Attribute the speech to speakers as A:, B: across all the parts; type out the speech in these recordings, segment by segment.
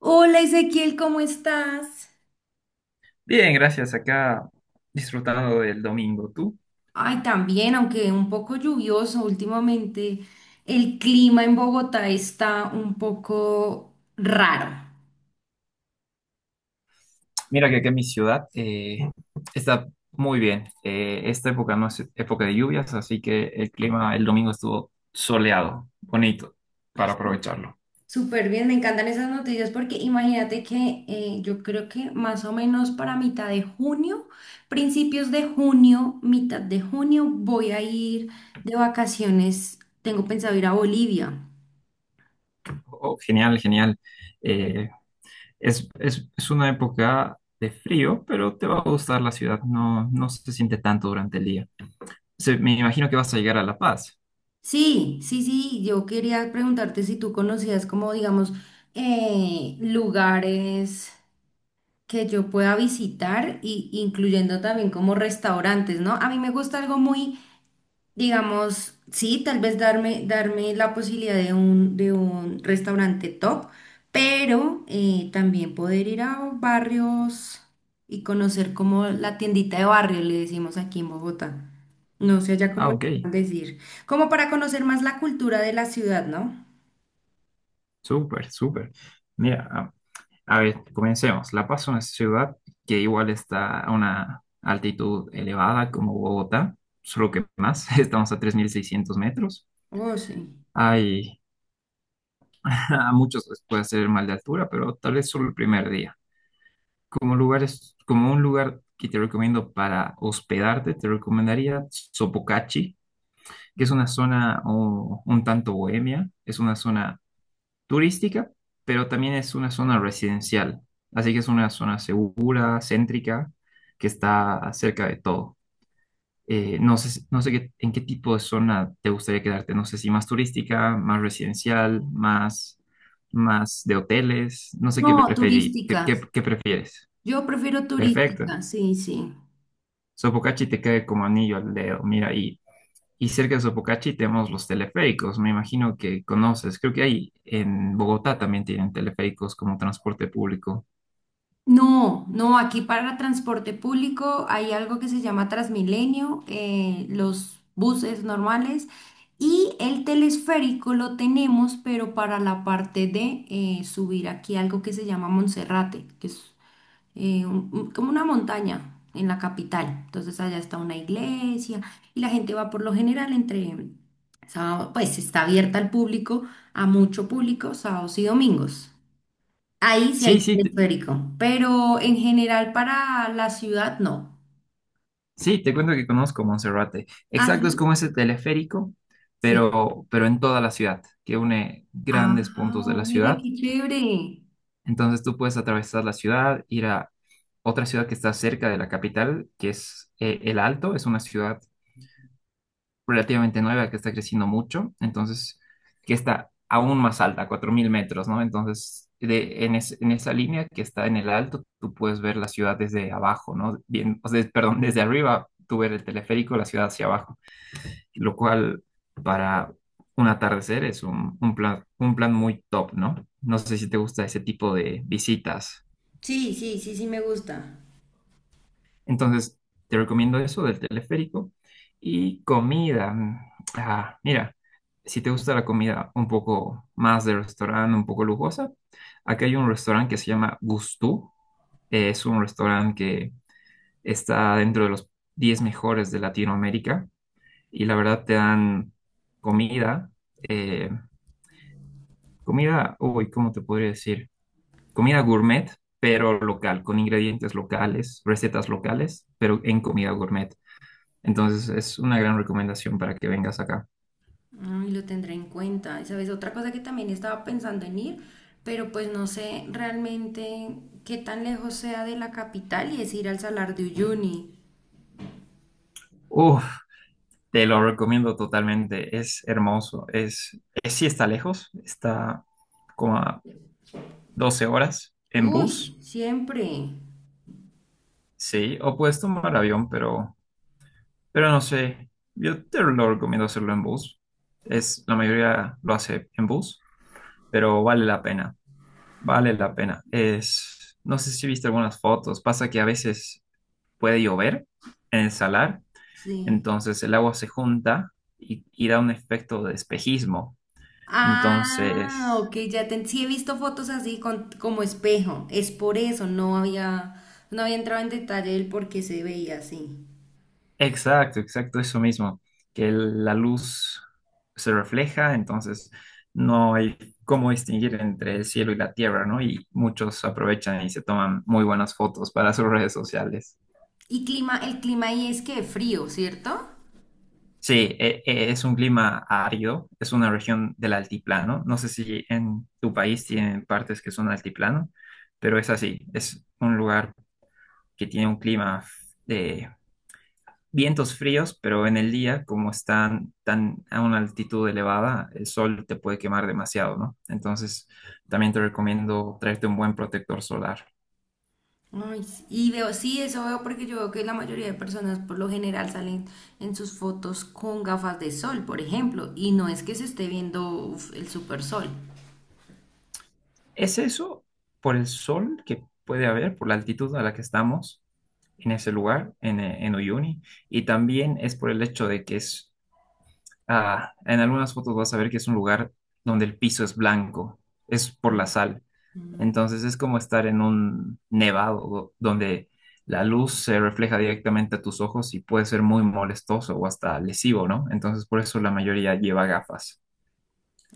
A: Hola Ezequiel, ¿cómo estás?
B: Bien, gracias. Acá disfrutando del domingo. ¿Tú?
A: Ay, también, aunque un poco lluvioso últimamente, el clima en Bogotá está un poco raro.
B: Mira que acá en mi ciudad está muy bien. Esta época no es época de lluvias, así que el clima el domingo estuvo soleado, bonito, para aprovecharlo.
A: Súper bien, me encantan esas noticias porque imagínate que yo creo que más o menos para mitad de junio, principios de junio, mitad de junio, voy a ir de vacaciones. Tengo pensado ir a Bolivia.
B: Oh, genial, genial. Eh, es una época de frío, pero te va a gustar la ciudad. No, no se siente tanto durante el día. Me imagino que vas a llegar a La Paz.
A: Sí, sí, sí, yo quería preguntarte si tú conocías como, digamos, lugares que yo pueda visitar y incluyendo también como restaurantes, ¿no? A mí me gusta algo muy digamos, sí, tal vez darme la posibilidad de un restaurante top, pero también poder ir a barrios y conocer como la tiendita de barrio, le decimos aquí en Bogotá. No sé ya
B: Ah,
A: cómo le
B: ok.
A: pueden decir. Como para conocer más la cultura de la ciudad, ¿no?
B: Súper, súper. Mira. A ver, comencemos. La Paz es una ciudad que igual está a una altitud elevada como Bogotá, solo que más, estamos a 3.600 metros.
A: Oh, sí.
B: Hay, a muchos les puede hacer mal de altura, pero tal vez solo el primer día. Como lugares, como un lugar que te recomiendo para hospedarte, te recomendaría Sopocachi, que es una zona oh, un tanto bohemia, es una zona turística, pero también es una zona residencial. Así que es una zona segura, céntrica, que está cerca de todo. No sé, no sé en qué tipo de zona te gustaría quedarte. No sé si más turística, más residencial, más, más de hoteles. No sé qué
A: No,
B: preferí,
A: turística.
B: qué prefieres.
A: Yo prefiero
B: Perfecto.
A: turística, sí, sí.
B: Sopocachi te cae como anillo al dedo. Mira, Y cerca de Sopocachi tenemos los teleféricos, me imagino que conoces. Creo que hay en Bogotá también tienen teleféricos como transporte público.
A: No, no, aquí para transporte público hay algo que se llama Transmilenio, los buses normales y el telesférico lo tenemos, pero para la parte de subir aquí algo que se llama Monserrate, que es como una montaña en la capital. Entonces allá está una iglesia y la gente va por lo general entre, sábado- pues está abierta al público, a mucho público, sábados y domingos. Ahí sí hay
B: Sí, sí, te-
A: teleférico, pero en general para la ciudad no.
B: sí, te cuento que conozco Monserrate.
A: Ah,
B: Exacto, es como
A: sí.
B: ese teleférico,
A: Sí.
B: pero en toda la ciudad, que une
A: Ah,
B: grandes puntos de la
A: oye,
B: ciudad.
A: qué chévere.
B: Entonces tú puedes atravesar la ciudad, ir a otra ciudad que está cerca de la capital, que es El Alto, es una ciudad relativamente nueva que está creciendo mucho, entonces que está aún más alta, 4.000 metros, ¿no? Entonces, en esa línea que está en el alto, tú puedes ver la ciudad desde abajo, ¿no? Bien, o sea, perdón, desde arriba, tú ver el teleférico, la ciudad hacia abajo, lo cual para un atardecer es un plan muy top, ¿no? No sé si te gusta ese tipo de visitas.
A: Sí, sí, sí, sí me gusta.
B: Entonces, te recomiendo eso del teleférico. Y comida. Ah, mira, si te gusta la comida un poco más de restaurante, un poco lujosa, aquí hay un restaurante que se llama Gustú. Es un restaurante que está dentro de los 10 mejores de Latinoamérica. Y la verdad te dan comida, eh, comida, uy, ¿cómo te podría decir? Comida gourmet, pero local, con ingredientes locales, recetas locales, pero en comida gourmet. Entonces es una gran recomendación para que vengas acá.
A: Ay, lo tendré en cuenta. Y, ¿sabes? Otra cosa que también estaba pensando en ir, pero pues no sé realmente qué tan lejos sea de la capital y es ir al Salar de Uyuni.
B: Uf, te lo recomiendo totalmente. Es hermoso. Sí está lejos. Está como a 12 horas en
A: Uy,
B: bus.
A: siempre.
B: Sí, o puedes tomar avión, pero no sé. Yo te lo recomiendo hacerlo en bus. Es, la mayoría lo hace en bus, pero vale la pena. Vale la pena. Es, no sé si viste algunas fotos. Pasa que a veces puede llover en el salar.
A: Sí.
B: Entonces el agua se junta y da un efecto de espejismo.
A: Ah,
B: Entonces,
A: ok, ya te, sí he visto fotos así con, como espejo. Es por eso, no había, no había entrado en detalle el por qué se veía así.
B: exacto, exacto, eso mismo, que la luz se refleja, entonces no hay cómo distinguir entre el cielo y la tierra, ¿no? Y muchos aprovechan y se toman muy buenas fotos para sus redes sociales.
A: Y clima, el clima ahí es que frío, ¿cierto?
B: Sí, es un clima árido, es una región del altiplano. No sé si en tu país tienen partes que son altiplano, pero es así, es un lugar que tiene un clima de vientos fríos, pero en el día, como están tan a una altitud elevada, el sol te puede quemar demasiado, ¿no? Entonces, también te recomiendo traerte un buen protector solar.
A: Ay, sí, y veo, sí, eso veo porque yo veo que la mayoría de personas por lo general salen en sus fotos con gafas de sol, por ejemplo, y no es que se esté viendo uf, el super sol.
B: ¿Es eso por el sol que puede haber, por la altitud a la que estamos en ese lugar, en Uyuni? Y también es por el hecho de que es Ah, en algunas fotos vas a ver que es un lugar donde el piso es blanco, es por la sal. Entonces es como estar en un nevado donde la luz se refleja directamente a tus ojos y puede ser muy molestoso o hasta lesivo, ¿no? Entonces por eso la mayoría lleva gafas.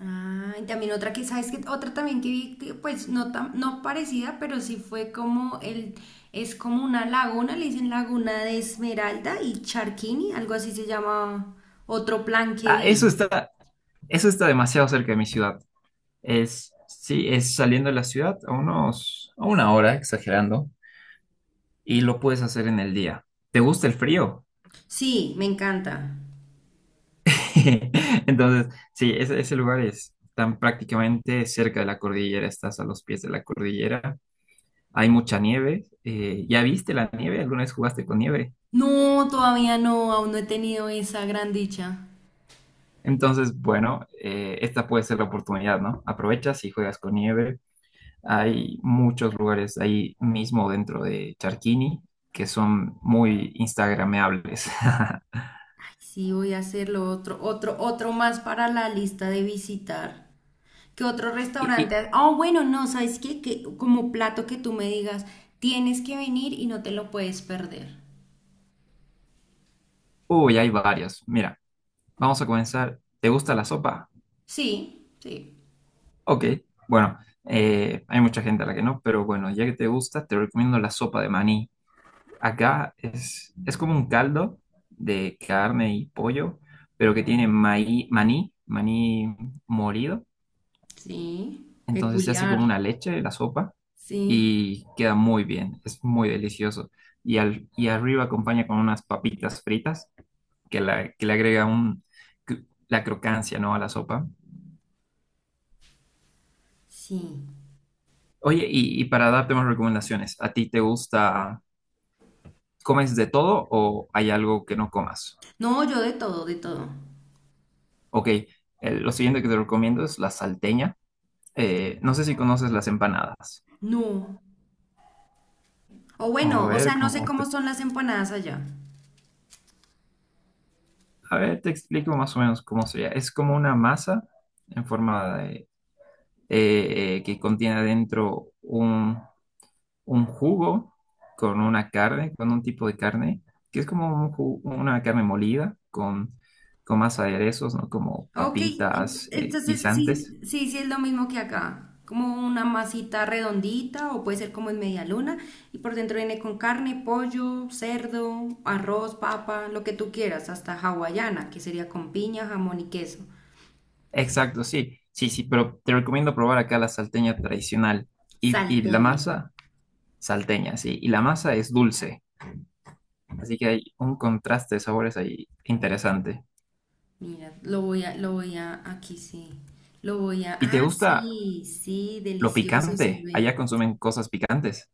A: Ah, y también otra que, ¿sabes que otra también que vi, que, pues no, tan- no parecida, pero sí fue como el, es como una laguna, le dicen Laguna de Esmeralda y Charquini, algo así se llama otro plan que
B: Ah,
A: vi.
B: eso está demasiado cerca de mi ciudad. Es, sí, es saliendo de la ciudad a unos, a una hora, exagerando, y lo puedes hacer en el día. ¿Te gusta el frío?
A: Sí, me encanta.
B: Entonces, sí, ese lugar es tan prácticamente cerca de la cordillera, estás a los pies de la cordillera, hay mucha nieve, ¿ya viste la nieve? ¿Alguna vez jugaste con nieve?
A: No, todavía no, aún no he tenido esa gran dicha.
B: Entonces, bueno, esta puede ser la oportunidad, ¿no? Aprovechas y juegas con nieve. Hay muchos lugares ahí mismo dentro de Charquini que son muy instagrameables.
A: Sí, voy a hacerlo otro más para la lista de visitar. ¿Qué otro
B: Y, y-
A: restaurante? Oh, bueno, no, ¿sabes qué? Que como plato que tú me digas, tienes que venir y no te lo puedes perder.
B: uy, hay varios. Mira, vamos a comenzar. ¿Te gusta la sopa?
A: Sí, sí,
B: Ok, bueno, hay mucha gente a la que no, pero bueno, ya que te gusta, te recomiendo la sopa de maní. Acá es como un caldo de carne y pollo, pero que tiene maní molido.
A: sí.
B: Entonces se hace como
A: Peculiar.
B: una leche la sopa
A: Sí,
B: y queda muy bien, es muy delicioso. Y arriba acompaña con unas papitas fritas que, que le agrega la crocancia, ¿no? a la sopa.
A: sí.
B: Oye, y para darte más recomendaciones, ¿a ti te gusta? ¿Comes de todo o hay algo que no comas?
A: No, yo de todo, de todo.
B: Ok, lo siguiente que te recomiendo es la salteña. No sé si conoces las empanadas.
A: No. O
B: A
A: bueno, o
B: ver,
A: sea, no sé
B: cómo
A: cómo
B: te,
A: son las empanadas allá.
B: a ver, te explico más o menos cómo sería. Es como una masa en forma de, que contiene adentro un jugo con una carne, con un tipo de carne, que es como una carne molida con más aderezos, ¿no? Como
A: Ok,
B: papitas,
A: entonces sí,
B: guisantes.
A: sí, sí es lo mismo que acá, como una masita redondita o puede ser como en media luna y por dentro viene con carne, pollo, cerdo, arroz, papa, lo que tú quieras, hasta hawaiana, que sería con piña, jamón y queso.
B: Exacto, sí, sí, sí, pero te recomiendo probar acá la salteña tradicional y la
A: Salteña.
B: masa salteña, sí, y la masa es dulce, así que hay un contraste de sabores ahí interesante.
A: Mira, lo voy a, aquí sí, lo voy a,
B: ¿Y te
A: ah,
B: gusta
A: sí, sí,
B: lo
A: delicioso se
B: picante?
A: ve.
B: Allá consumen cosas picantes.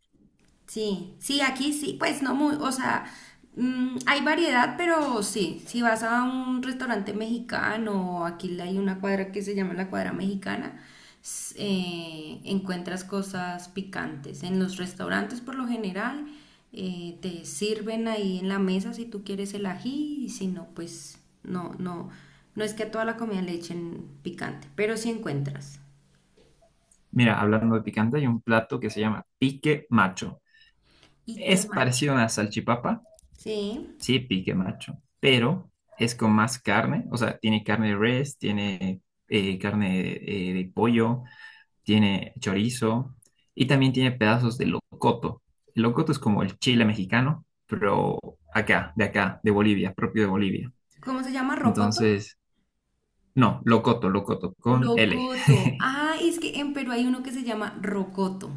A: Sí, sí, aquí sí, pues no muy, o sea, hay variedad, pero sí, si vas a un restaurante mexicano, aquí hay una cuadra que se llama la cuadra mexicana, encuentras cosas picantes. En los restaurantes por lo general te sirven ahí en la mesa si tú quieres el ají y si no, pues no, no, no es que a toda la comida le echen picante, pero sí encuentras.
B: Mira, hablando de picante, hay un plato que se llama pique macho.
A: Y qué
B: Es
A: macho.
B: parecido a una salchipapa,
A: Sí.
B: sí, pique macho, pero es con más carne, o sea, tiene carne de res, tiene carne de pollo tiene chorizo y también tiene pedazos de locoto. El locoto es como el chile mexicano, pero acá, de Bolivia, propio de Bolivia.
A: ¿Cómo se llama? ¿Rocoto?
B: Entonces, no, locoto, locoto, con L.
A: Locoto. Ah, es que en Perú hay uno que se llama rocoto.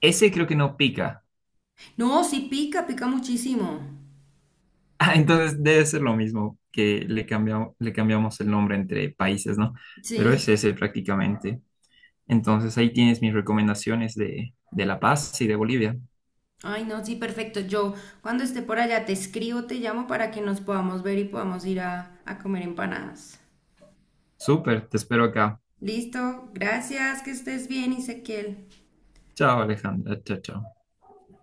B: Ese creo que no pica.
A: No, sí pica, pica muchísimo.
B: Ah, entonces debe ser lo mismo que le cambiamos el nombre entre países, ¿no? Pero es
A: Sí.
B: ese prácticamente. Entonces ahí tienes mis recomendaciones de La Paz y de Bolivia.
A: Ay, no, sí, perfecto. Yo cuando esté por allá te escribo, te llamo para que nos podamos ver y podamos ir a comer empanadas.
B: Súper, te espero acá.
A: Listo, gracias, que estés bien, Ezequiel.
B: Chao, Alejandra. Chao, chao.